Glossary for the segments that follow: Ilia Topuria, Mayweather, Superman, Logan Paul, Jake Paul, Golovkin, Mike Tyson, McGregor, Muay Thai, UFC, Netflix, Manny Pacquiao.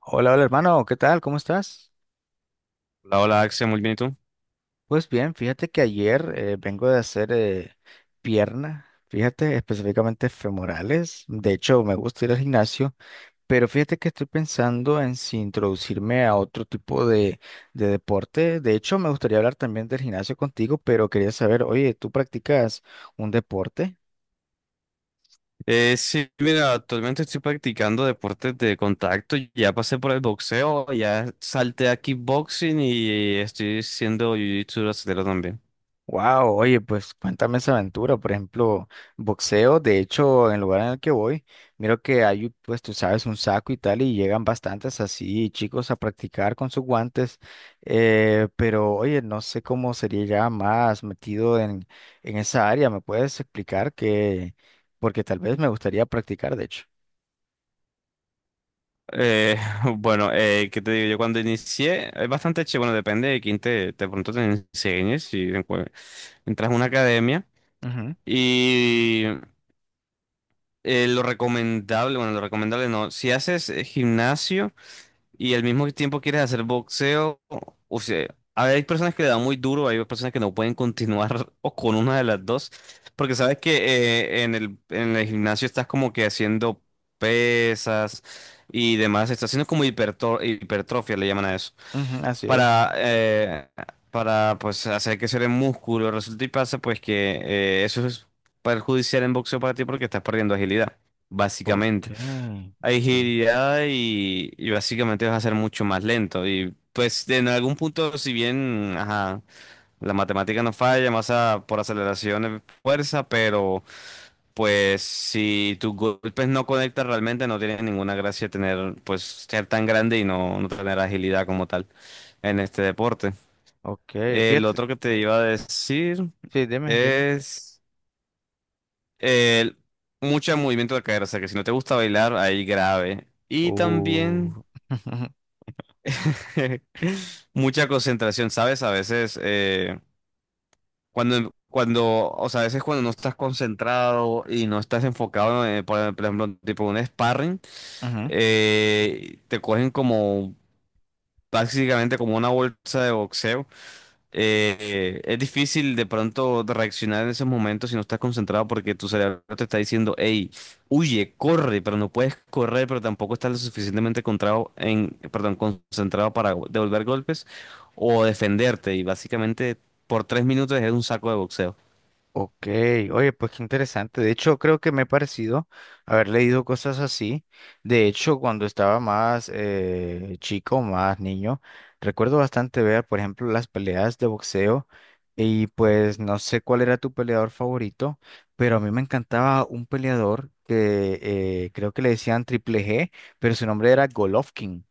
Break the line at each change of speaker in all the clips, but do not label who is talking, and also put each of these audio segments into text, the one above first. Hola, hola hermano, ¿qué tal? ¿Cómo estás?
Hola, hola Axel, muy bien, ¿y tú?
Pues bien, fíjate que ayer vengo de hacer pierna, fíjate, específicamente femorales. De hecho, me gusta ir al gimnasio, pero fíjate que estoy pensando en si introducirme a otro tipo de deporte. De hecho, me gustaría hablar también del gimnasio contigo, pero quería saber, oye, ¿tú practicas un deporte?
Sí, mira, actualmente estoy practicando deportes de contacto, ya pasé por el boxeo, ya salté a kickboxing y estoy siendo jiu-jitsu brasileño también.
Wow, oye, pues cuéntame esa aventura. Por ejemplo, boxeo. De hecho, en el lugar en el que voy, miro que hay, pues tú sabes, un saco y tal, y llegan bastantes así chicos a practicar con sus guantes. Pero, oye, no sé cómo sería ya más metido en esa área. ¿Me puedes explicar qué? Porque tal vez me gustaría practicar, de hecho.
Eh, bueno, ¿qué te digo? Yo cuando inicié, es bastante chévere, bueno, depende de quién te, de pronto te enseñes, si entras a una academia
Ujú,
y lo recomendable, bueno, lo recomendable no, si haces gimnasio y al mismo tiempo quieres hacer boxeo, o sea, a ver, hay personas que le dan muy duro, hay personas que no pueden continuar o con una de las dos, porque sabes que en el gimnasio estás como que haciendo pesas y demás, estás haciendo como hipertrofia, le llaman a eso,
ujú, así es.
para, eh, para pues hacer crecer el músculo, resulta y pasa pues que eso es perjudicial en boxeo para ti porque estás perdiendo agilidad,
Ok,
básicamente. Hay
ok,
agilidad y básicamente vas a ser mucho más lento. Y pues en algún punto, si bien ajá, la matemática no falla, masa por aceleración es fuerza, pero pues si tus golpes no conectan realmente, no tiene ninguna gracia tener, pues ser tan grande y no tener agilidad como tal en este deporte.
ok.
El
Fíjate,
otro que te iba a decir
sí, dime, dime.
es el mucho movimiento de cadera, o sea que si no te gusta bailar, ahí grave. Y también
Uh,
mucha concentración, ¿sabes? A veces, o sea, a veces cuando no estás concentrado y no estás enfocado, por ejemplo, tipo un sparring,
ujú.
te cogen como, básicamente como una bolsa de boxeo. Es difícil de pronto de reaccionar en esos momentos si no estás concentrado porque tu cerebro te está diciendo, hey, huye, corre, pero no puedes correr, pero tampoco estás lo suficientemente contrado en, perdón, concentrado para devolver golpes o defenderte. Y básicamente por 3 minutos es un saco de boxeo.
Ok, oye, pues qué interesante. De hecho, creo que me ha parecido haber leído cosas así. De hecho, cuando estaba más chico, más niño, recuerdo bastante ver, por ejemplo, las peleas de boxeo. Y pues no sé cuál era tu peleador favorito, pero a mí me encantaba un peleador que creo que le decían Triple G, pero su nombre era Golovkin.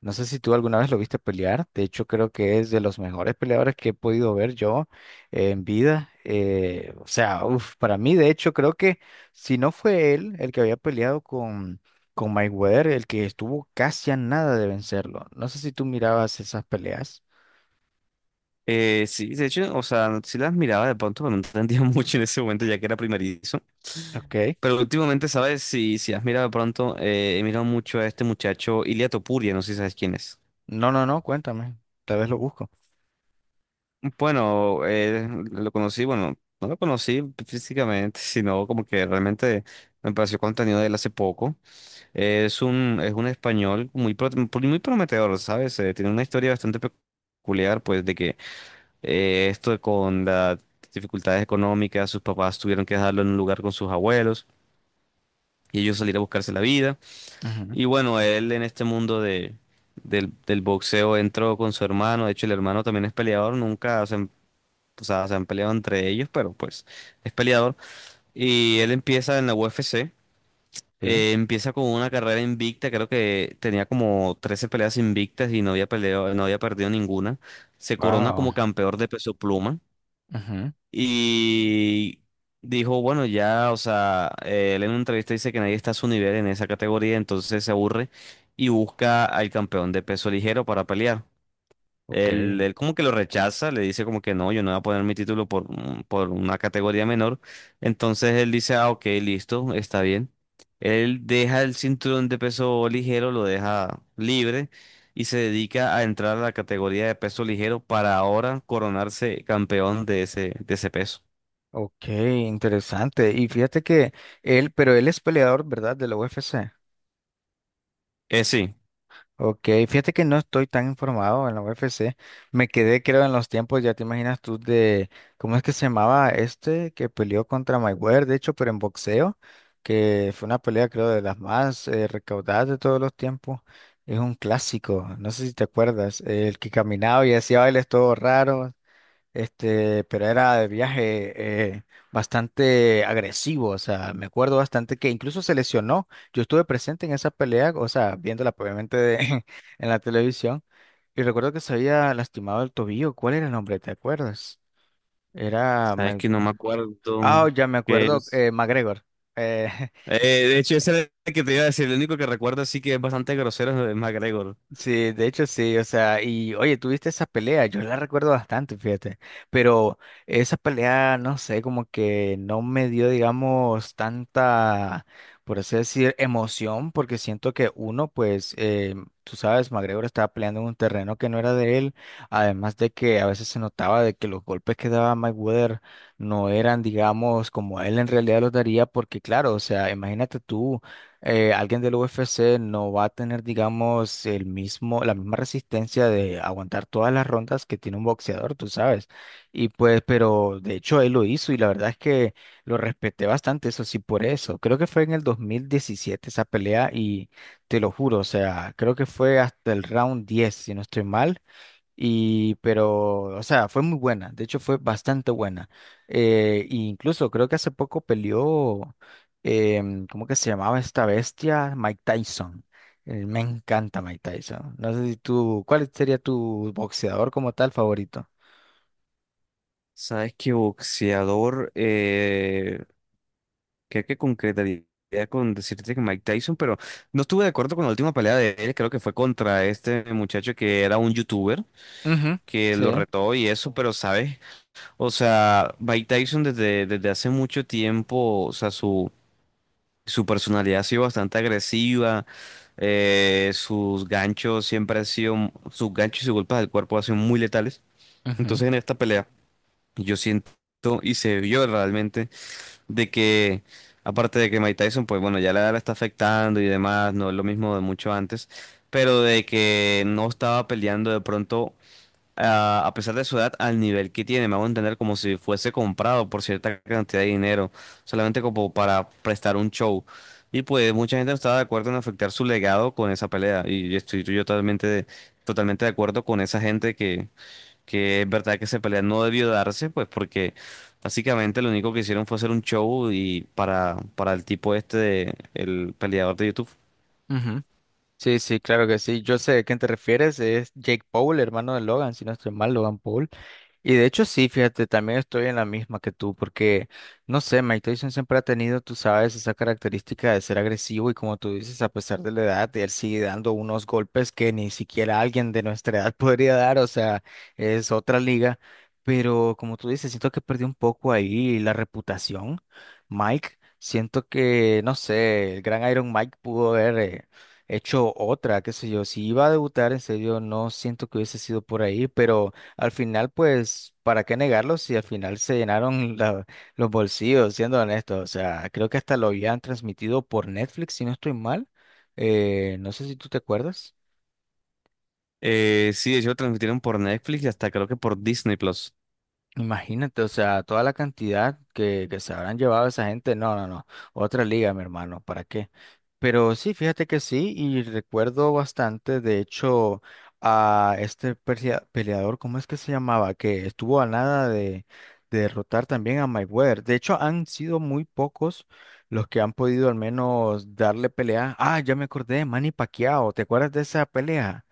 No sé si tú alguna vez lo viste pelear. De hecho, creo que es de los mejores peleadores que he podido ver yo en vida. O sea, uf, para mí, de hecho, creo que si no fue él el que había peleado con Mayweather, el que estuvo casi a nada de vencerlo. No sé si tú mirabas esas peleas.
Sí, de hecho, o sea, sí las miraba de pronto, pero no entendía mucho en ese momento ya que era primerizo.
Ok.
Pero últimamente, ¿sabes? Si has mirado de pronto, he mirado mucho a este muchacho, Ilia Topuria, no sé si sabes quién es.
No, no, no, cuéntame. Tal vez lo busco.
Bueno, lo conocí, bueno, no lo conocí físicamente, sino como que realmente me pareció contenido de él hace poco. Es un español muy, muy prometedor, ¿sabes? Tiene una historia bastante peculiar, pues, de que esto con las dificultades económicas, sus papás tuvieron que dejarlo en un lugar con sus abuelos y ellos salir a buscarse la vida.
Ujú,
Y bueno, él en este mundo de del boxeo entró con su hermano, de hecho el hermano también es peleador, nunca, se o sea, se han peleado entre ellos, pero pues es peleador. Y él empieza en la UFC,
sí.
empieza con una carrera invicta, creo que tenía como 13 peleas invictas y no había peleado, no había perdido ninguna. Se corona
Wow.
como campeón de peso pluma
Ujú,
y dijo, bueno, ya, o sea, él en una entrevista dice que nadie está a su nivel en esa categoría, entonces se aburre y busca al campeón de peso ligero para pelear.
ok.
Él como que lo rechaza, le dice como que no, yo no voy a poner mi título por, por una categoría menor. Entonces él dice, ah, ok, listo, está bien. Él deja el cinturón de peso ligero, lo deja libre y se dedica a entrar a la categoría de peso ligero para ahora coronarse campeón de ese peso.
Ok, interesante. Y fíjate que él, pero él es peleador, ¿verdad? De la UFC.
Sí,
Ok, fíjate que no estoy tan informado en la UFC. Me quedé, creo, en los tiempos, ya te imaginas tú, de cómo es que se llamaba este que peleó contra Mayweather, de hecho, pero en boxeo, que fue una pelea, creo, de las más recaudadas de todos los tiempos. Es un clásico, no sé si te acuerdas, el que caminaba y hacía bailes todo raros. Este, pero era de viaje bastante agresivo, o sea, me acuerdo bastante que incluso se lesionó. Yo estuve presente en esa pelea, o sea, viéndola obviamente de- en la televisión, y recuerdo que se había lastimado el tobillo. ¿Cuál era el nombre? ¿Te acuerdas? Era...
sabes que
Mike-
no me acuerdo
Ah, ya me
que
acuerdo,
es.
McGregor. Eh,
De hecho, ese era el que te iba a decir, el único que recuerdo así que es bastante grosero es McGregor.
Sí, de hecho sí, o sea, y oye, tuviste esa pelea, yo la recuerdo bastante, fíjate, pero esa pelea, no sé, como que no me dio, digamos, tanta, por así decir, emoción, porque siento que uno, pues, tú sabes, McGregor estaba peleando en un terreno que no era de él, además de que a veces se notaba de que los golpes que daba Mayweather no eran, digamos, como él en realidad los daría, porque claro, o sea, imagínate tú alguien del UFC no va a tener, digamos, el mismo, la misma resistencia de aguantar todas las rondas que tiene un boxeador, tú sabes. Y pues, pero de hecho él lo hizo y la verdad es que lo respeté bastante, eso sí, por eso. Creo que fue en el 2017 esa pelea y te lo juro, o sea, creo que fue hasta el round 10, si no estoy mal. Y, pero, o sea, fue muy buena, de hecho fue bastante buena. E incluso creo que hace poco peleó, ¿cómo que se llamaba esta bestia? Mike Tyson. Me encanta Mike Tyson. No sé si tú, ¿cuál sería tu boxeador como tal favorito?
Sabes que boxeador, creo que concretaría con decirte que Mike Tyson, pero no estuve de acuerdo con la última pelea de él, creo que fue contra este muchacho que era un youtuber,
Ujú,
que lo
sí,
retó y eso, pero sabes, o sea, Mike Tyson desde hace mucho tiempo, o sea, su personalidad ha sido bastante agresiva, sus ganchos siempre han sido, sus ganchos y sus golpes del cuerpo han sido muy letales,
ujú,
entonces en esta pelea yo siento y se vio realmente de que, aparte de que Mike Tyson, pues bueno, ya la edad la está afectando y demás, no es lo mismo de mucho antes, pero de que no estaba peleando de pronto, ah, a pesar de su edad, al nivel que tiene, me hago entender como si fuese comprado por cierta cantidad de dinero, solamente como para prestar un show. Y pues mucha gente no estaba de acuerdo en afectar su legado con esa pelea, y estoy yo totalmente, totalmente de acuerdo con esa gente que es verdad que esa pelea no debió darse, pues porque básicamente lo único que hicieron fue hacer un show y para el tipo este, el peleador de YouTube.
ujú. Sí, sí, claro que sí. Yo sé de quién te refieres, es Jake Paul, hermano de Logan, si no estoy mal, Logan Paul. Y de hecho sí, fíjate, también estoy en la misma que tú, porque, no sé, Mike Tyson siempre ha tenido, tú sabes, esa característica de ser agresivo y como tú dices, a pesar de la edad, él sigue dando unos golpes que ni siquiera alguien de nuestra edad podría dar, o sea, es otra liga, pero como tú dices, siento que perdió un poco ahí la reputación, Mike, siento que, no sé, el gran Iron Mike pudo haber... hecho otra, qué sé yo, si iba a debutar, en serio, no siento que hubiese sido por ahí, pero al final, pues, ¿para qué negarlo si al final se llenaron la- los bolsillos, siendo honestos? O sea, creo que hasta lo habían transmitido por Netflix, si no estoy mal. No sé si tú te acuerdas.
Sí, de hecho lo transmitieron por Netflix y hasta creo que por Disney Plus.
Imagínate, o sea, toda la cantidad que se habrán llevado esa gente, no, no, no, otra liga, mi hermano, ¿para qué? Pero sí, fíjate que sí, y recuerdo bastante, de hecho, a este peleador, ¿cómo es que se llamaba? Que estuvo a nada de, de derrotar también a Mayweather. De hecho, han sido muy pocos los que han podido al menos darle pelea. Ah, ya me acordé, Manny Pacquiao, ¿te acuerdas de esa pelea?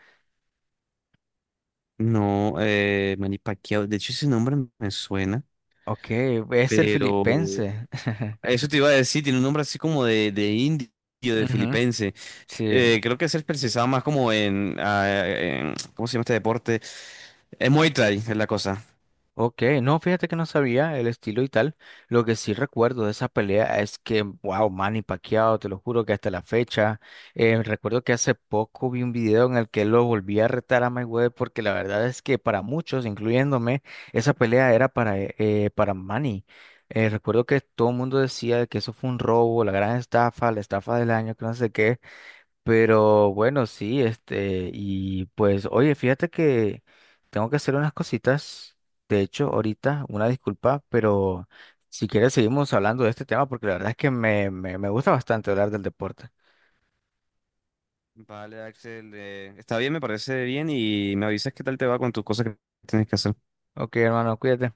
No, Manny Pacquiao, de hecho ese nombre me suena,
Ok, es el
pero
filipense.
eso te iba a decir, tiene un nombre así como de indio, de
Ujú,
filipense.
sí.
Creo que es el precisaba más como en, ah, en ¿cómo se llama este deporte? Es Muay Thai, es la cosa.
Ok, no, fíjate que no sabía el estilo y tal. Lo que sí recuerdo de esa pelea es que, wow, Manny Pacquiao, te lo juro que hasta la fecha. Recuerdo que hace poco vi un video en el que lo volví a retar a Mayweather porque la verdad es que para muchos, incluyéndome, esa pelea era para Manny. Recuerdo que todo el mundo decía que eso fue un robo, la gran estafa, la estafa del año, que no sé qué. Pero bueno, sí, este, y pues, oye, fíjate que tengo que hacer unas cositas, de hecho, ahorita, una disculpa, pero si quieres seguimos hablando de este tema porque la verdad es que me gusta bastante hablar del deporte.
Vale, Axel, está bien, me parece bien y me avisas qué tal te va con tus cosas que tienes que hacer.
Ok, hermano, cuídate.